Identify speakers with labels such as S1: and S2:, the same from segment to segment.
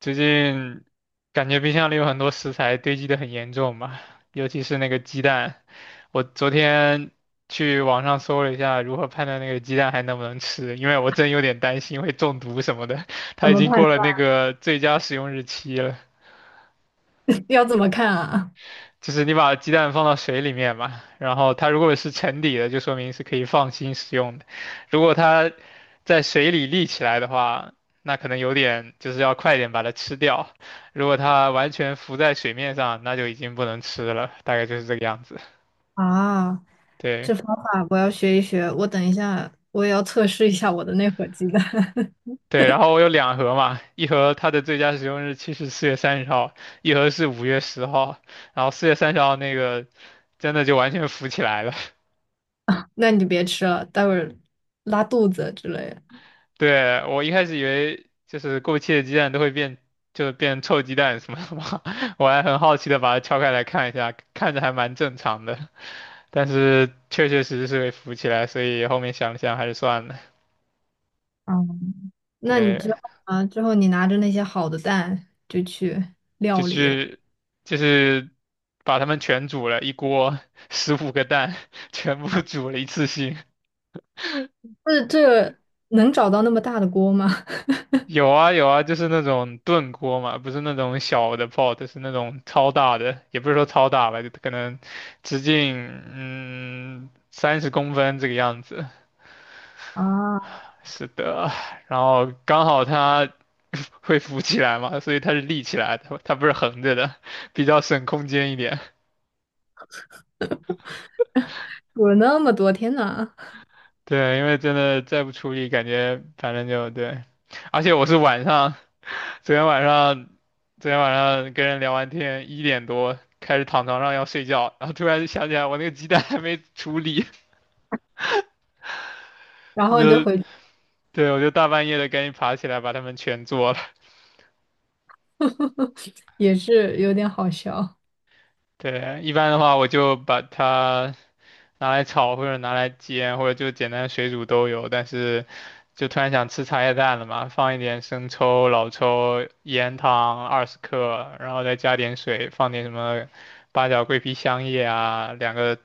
S1: 最近感觉冰箱里有很多食材堆积的很严重嘛，尤其是那个鸡蛋。我昨天去网上搜了一下如何判断那个鸡蛋还能不能吃，因为我真有点担心会中毒什么的。
S2: 怎
S1: 它已
S2: 么判
S1: 经过了那
S2: 断？
S1: 个最佳使用日期了。
S2: 要怎么看啊？
S1: 就是你把鸡蛋放到水里面嘛，然后它如果是沉底的，就说明是可以放心食用的；如果它在水里立起来的话，那可能有点就是要快点把它吃掉；如果它完全浮在水面上，那就已经不能吃了，大概就是这个样子。
S2: 啊，
S1: 对
S2: 这方法我要学一学。我等一下，我也要测试一下我的那盒鸡蛋。
S1: 对，然后我有2盒嘛，一盒它的最佳使用日期是四月三十号，一盒是5月10号，然后四月三十号那个真的就完全浮起来了。
S2: 那你就别吃了，待会儿拉肚子之类的。
S1: 对，我一开始以为就是过期的鸡蛋都会变，就是变臭鸡蛋什么的嘛，我还很好奇的把它敲开来看一下，看着还蛮正常的，但是确确实实是会浮起来，所以后面想了想还是算了。
S2: 嗯，那你之
S1: 对，
S2: 后啊，之后你拿着那些好的蛋就去
S1: 就
S2: 料理了。
S1: 去就是把它们全煮了一锅，15个蛋 全部煮了一次性。
S2: 这能找到那么大的锅吗？
S1: 有啊有啊，就是那种炖锅嘛，不是那种小的 pot,是那种超大的，也不是说超大吧，就可能直径30公分这个样子。
S2: 啊，
S1: 是的，然后刚好它 会浮起来嘛，所以它是立起来的，它不是横着的，比较省空间一点。
S2: 煮了那么多，天呐。
S1: 对，因为真的再不处理，感觉反正就对，而且我是晚上，昨天晚上，昨天晚上跟人聊完天，1点多开始躺床上要睡觉，然后突然想起来我那个鸡蛋 还没处理，
S2: 然 后你就
S1: 就
S2: 回去。
S1: 对我就大半夜的赶紧爬起来把它们全做了。
S2: 也是有点好笑。
S1: 对，一般的话我就把它拿来炒或者拿来煎，或者就简单水煮都有。但是就突然想吃茶叶蛋了嘛，放一点生抽、老抽、盐、糖20克，然后再加点水，放点什么八角、桂皮、香叶啊，两个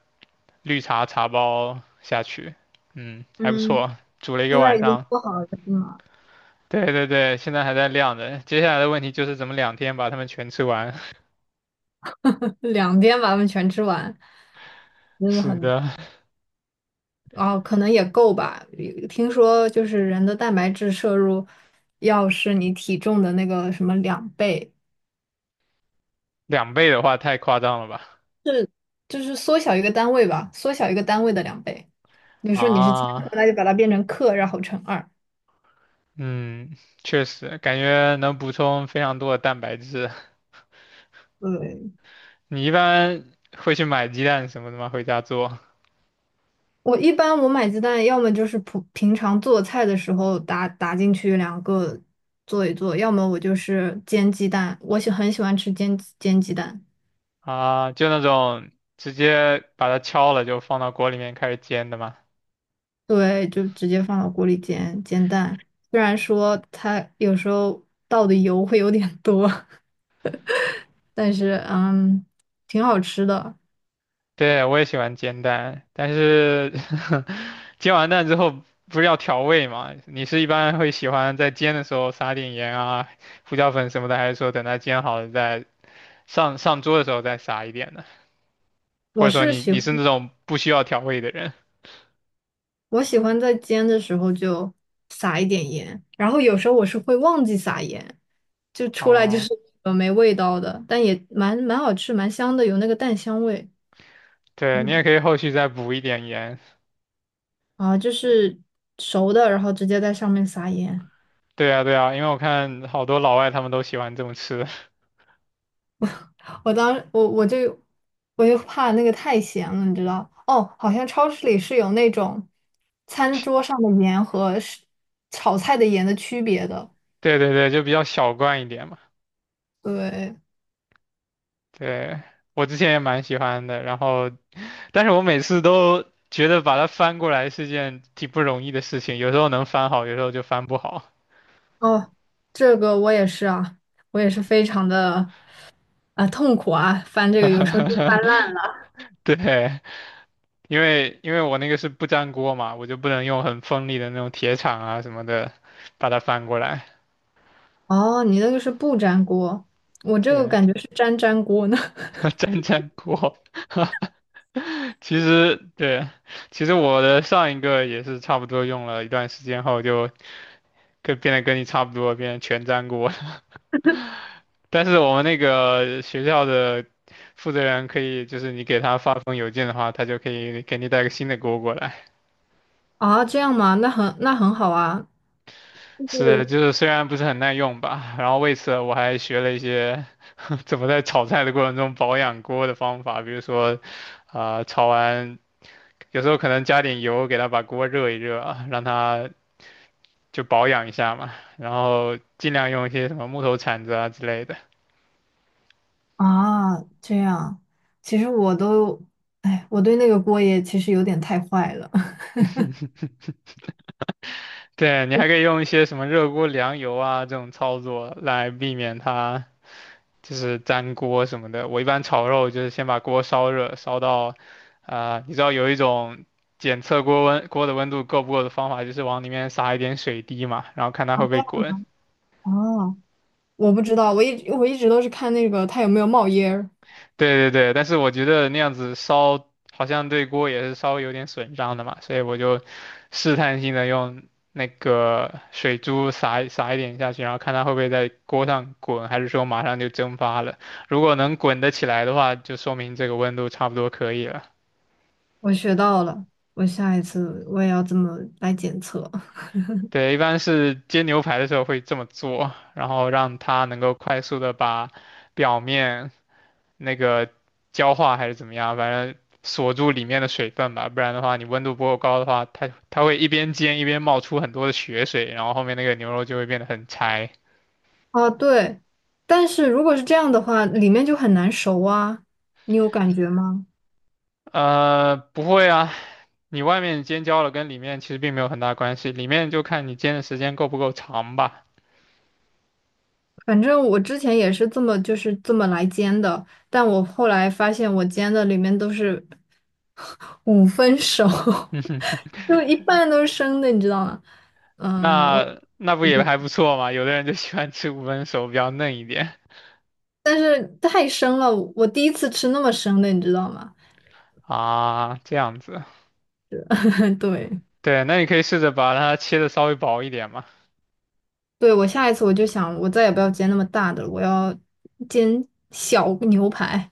S1: 绿茶茶包下去，还不
S2: 嗯，
S1: 错，煮了一个
S2: 现在
S1: 晚
S2: 已经
S1: 上。
S2: 做好了是吗？
S1: 对对对，现在还在晾着。接下来的问题就是怎么2天把它们全吃完。
S2: 两天把它们全吃完。真的
S1: 是
S2: 很
S1: 的，
S2: 哦，可能也够吧。有听说就是人的蛋白质摄入要是你体重的那个什么两倍，
S1: 2倍的话太夸张了吧？
S2: 就是缩小一个单位吧，缩小一个单位的两倍。你说你是千克
S1: 啊，
S2: 那就把它变成克，然后乘二。
S1: 嗯，确实，感觉能补充非常多的蛋白质。
S2: 对，
S1: 你一般会去买鸡蛋什么的吗？回家做
S2: 我一般买鸡蛋，要么就是普平常做菜的时候打进去两个做一做，要么我就是煎鸡蛋，我喜欢吃煎鸡蛋。
S1: 啊，就那种直接把它敲了就放到锅里面开始煎的吗？
S2: 对，就直接放到锅里煎蛋。虽然说它有时候倒的油会有点多，但是挺好吃的。
S1: 对，我也喜欢煎蛋，但是 煎完蛋之后不是要调味嘛？你是一般会喜欢在煎的时候撒点盐啊、胡椒粉什么的，还是说等它煎好了再上桌的时候再撒一点呢？或
S2: 我
S1: 者说
S2: 是
S1: 你
S2: 喜
S1: 你
S2: 欢，
S1: 是那种不需要调味的人？
S2: 我喜欢在煎的时候就撒一点盐，然后有时候我是会忘记撒盐，就出来就
S1: 哦，
S2: 是没味道的，但也蛮好吃，蛮香的，有那个蛋香味。
S1: 对，你也
S2: 嗯，
S1: 可以后续再补一点盐。
S2: 啊，就是熟的，然后直接在上面撒盐。
S1: 对啊，对啊，因为我看好多老外他们都喜欢这么吃。
S2: 我当我我就我就怕那个太咸了，你知道？哦，好像超市里是有那种餐桌上的盐和是炒菜的盐的区别的。
S1: 对对对，就比较小罐一点嘛。
S2: 对，
S1: 对，我之前也蛮喜欢的，然后。但是我每次都觉得把它翻过来是件挺不容易的事情，有时候能翻好，有时候就翻不好。
S2: 哦，这个我也是啊，我也是非常的啊痛苦啊，翻这个有时候就是翻。
S1: 对，因为我那个是不粘锅嘛，我就不能用很锋利的那种铁铲啊什么的把它翻过来。
S2: 哦，你那个是不粘锅，我这个
S1: 对，
S2: 感觉是粘粘锅呢。
S1: 粘粘锅。其实对，其实我的上一个也是差不多用了一段时间后就变得跟你差不多，变成全粘锅了。但是我们那个学校的负责人可以，就是你给他发封邮件的话，他就可以给你带个新的锅过来。
S2: 啊，这样吗？那很好啊，就
S1: 是，
S2: 是
S1: 就是虽然不是很耐用吧，然后为此我还学了一些 怎么在炒菜的过程中保养锅的方法，比如说，啊、炒完有时候可能加点油给他把锅热一热啊，让他就保养一下嘛，然后尽量用一些什么木头铲子啊之类的。
S2: 啊，这样，其实我都，哎，我对那个锅也其实有点太坏了。
S1: 对，你还可以用一些什么热锅凉油啊这种操作来避免它。就是粘锅什么的。我一般炒肉就是先把锅烧热，烧到，啊、你知道有一种检测锅的温度够不够的方法，就是往里面撒一点水滴嘛，然后看它会不会
S2: 啊，
S1: 滚。
S2: 我不知道，我一直都是看那个它有没有冒烟儿。
S1: 对对对，但是我觉得那样子烧好像对锅也是稍微有点损伤的嘛，所以我就试探性的用那个水珠撒一撒一点下去，然后看它会不会在锅上滚，还是说马上就蒸发了。如果能滚得起来的话，就说明这个温度差不多可以了。
S2: 我学到了，我下一次我也要这么来检测。
S1: 对，一般是煎牛排的时候会这么做，然后让它能够快速的把表面那个焦化还是怎么样，反正锁住里面的水分吧，不然的话你温度不够高的话，它会一边煎一边冒出很多的血水，然后后面那个牛肉就会变得很柴。
S2: 啊，对，但是如果是这样的话，里面就很难熟啊，你有感觉吗？
S1: 不会啊，你外面煎焦了跟里面其实并没有很大关系，里面就看你煎的时间够不够长吧。
S2: 反正我之前也是这么来煎的，但我后来发现我煎的里面都是 五分熟，就一半都是生的，你知道吗？嗯，我
S1: 那那不也还不错嘛，有的人就喜欢吃5分熟，比较嫩一点。
S2: 但是太生了，我第一次吃那么生的，你知道吗？
S1: 啊，这样子，
S2: 对，
S1: 对，那你可以试着把它切的稍微薄一点嘛，
S2: 对，我下一次我就想，我再也不要煎那么大的了，我要煎小牛排。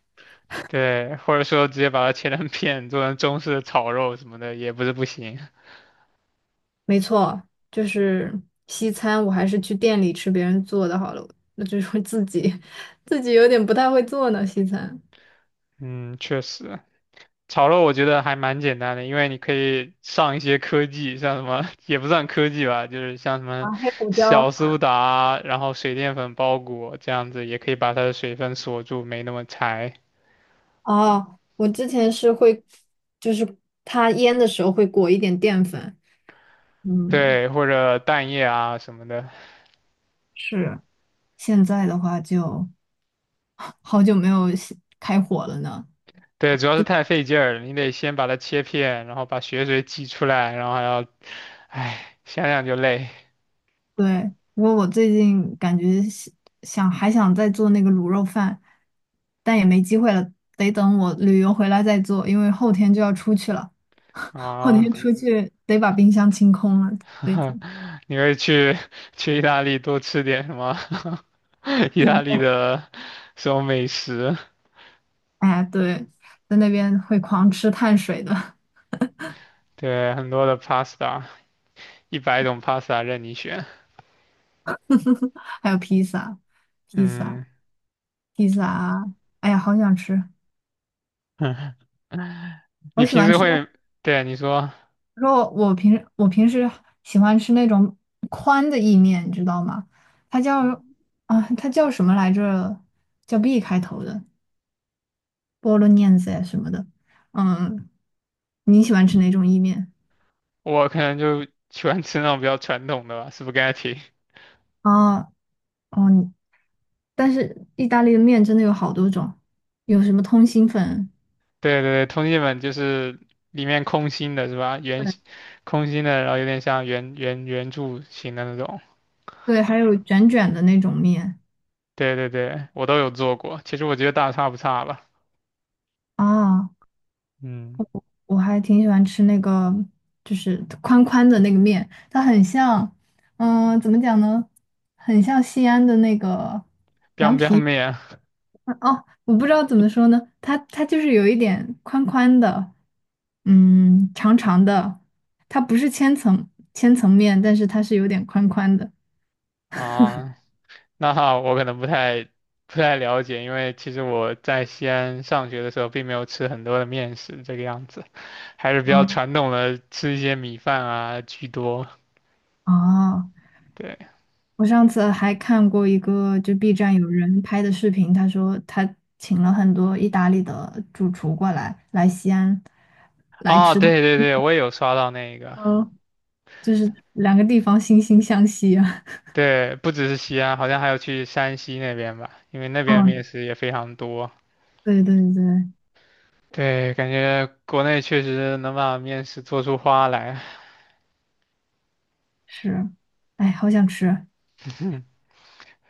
S1: 对，或者说直接把它切成片，做成中式的炒肉什么的也不是不行。
S2: 没错，就是西餐，我还是去店里吃别人做的好了。那就是自己，自己有点不太会做呢，西餐。
S1: 嗯，确实，炒肉我觉得还蛮简单的，因为你可以上一些科技，像什么也不算科技吧，就是像什么
S2: 啊，黑胡椒。
S1: 小苏打，然后水淀粉包裹这样子，也可以把它的水分锁住，没那么柴。
S2: 哦，我之前是会，就是它腌的时候会裹一点淀粉。嗯，
S1: 对，或者蛋液啊什么的。
S2: 是。现在的话就 好久没有西开火了呢。
S1: 对，主要是太费劲儿了，你得先把它切片，然后把血水挤出来，然后还要，唉，想想就累
S2: 对，不过我最近感觉想还想再做那个卤肉饭，但也没机会了，得等我旅游回来再做，因为后天就要出去了，后天
S1: 啊。
S2: 出去得把冰箱清空了，所以就
S1: 你会去去意大利多吃点什么？意大
S2: 嗯，
S1: 利的什么美食？
S2: 哎，对，在那边会狂吃碳水的。
S1: 对，很多的 pasta,100种 pasta 任你选。
S2: 还有披萨，披萨，
S1: 嗯，
S2: 披萨啊，哎呀，好想吃，我
S1: 你
S2: 喜
S1: 平
S2: 欢
S1: 时
S2: 吃。
S1: 会，对，你说，
S2: 我说我平时喜欢吃那种宽的意面，你知道吗？它叫啊，它叫什么来着？叫 B 开头的菠萝 l 子呀什么的。嗯，你喜欢吃哪种意面？
S1: 我可能就喜欢吃那种比较传统的吧，spaghetti。
S2: 啊，哦，你但是意大利的面真的有好多种，有什么通心粉，
S1: 对对对，通信本就是里面空心的是吧？圆
S2: 对
S1: 形空心的，然后有点像圆圆圆柱形的那种。
S2: 对，还有卷卷的那种面
S1: 对对对，我都有做过。其实我觉得大差不差吧。
S2: 啊。
S1: 嗯
S2: 我还挺喜欢吃那个，就是宽宽的那个面，它很像，嗯、怎么讲呢？很像西安的那个
S1: ，biang
S2: 凉
S1: biang
S2: 皮。
S1: 面
S2: 啊哦，我不知道怎么说呢，它就是有一点宽宽的，嗯，长长的，它不是千层面，但是它是有点宽宽的。
S1: 啊，那哈我可能不太了解，因为其实我在西安上学的时候，并没有吃很多的面食这个样子，还是比较
S2: 嗯，
S1: 传统的，吃一些米饭啊居多。
S2: 哦，
S1: 对，
S2: 我上次还看过一个，就 B 站有人拍的视频，他说他请了很多意大利的主厨过来西安来
S1: 哦，
S2: 吃他，
S1: 对对对，我也有刷到那个。
S2: 嗯，就是两个地方惺惺相惜啊。
S1: 对，不只是西安，好像还有去山西那边吧，因为那边
S2: 嗯，
S1: 面食也非常多。
S2: 对对对，
S1: 对，感觉国内确实能把面食做出花来，
S2: 是，哎，好想吃。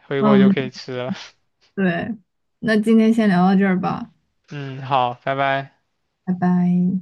S1: 回国就
S2: 嗯，
S1: 可以吃了。
S2: 对，那今天先聊到这儿吧，
S1: 嗯，好，拜拜。
S2: 拜拜。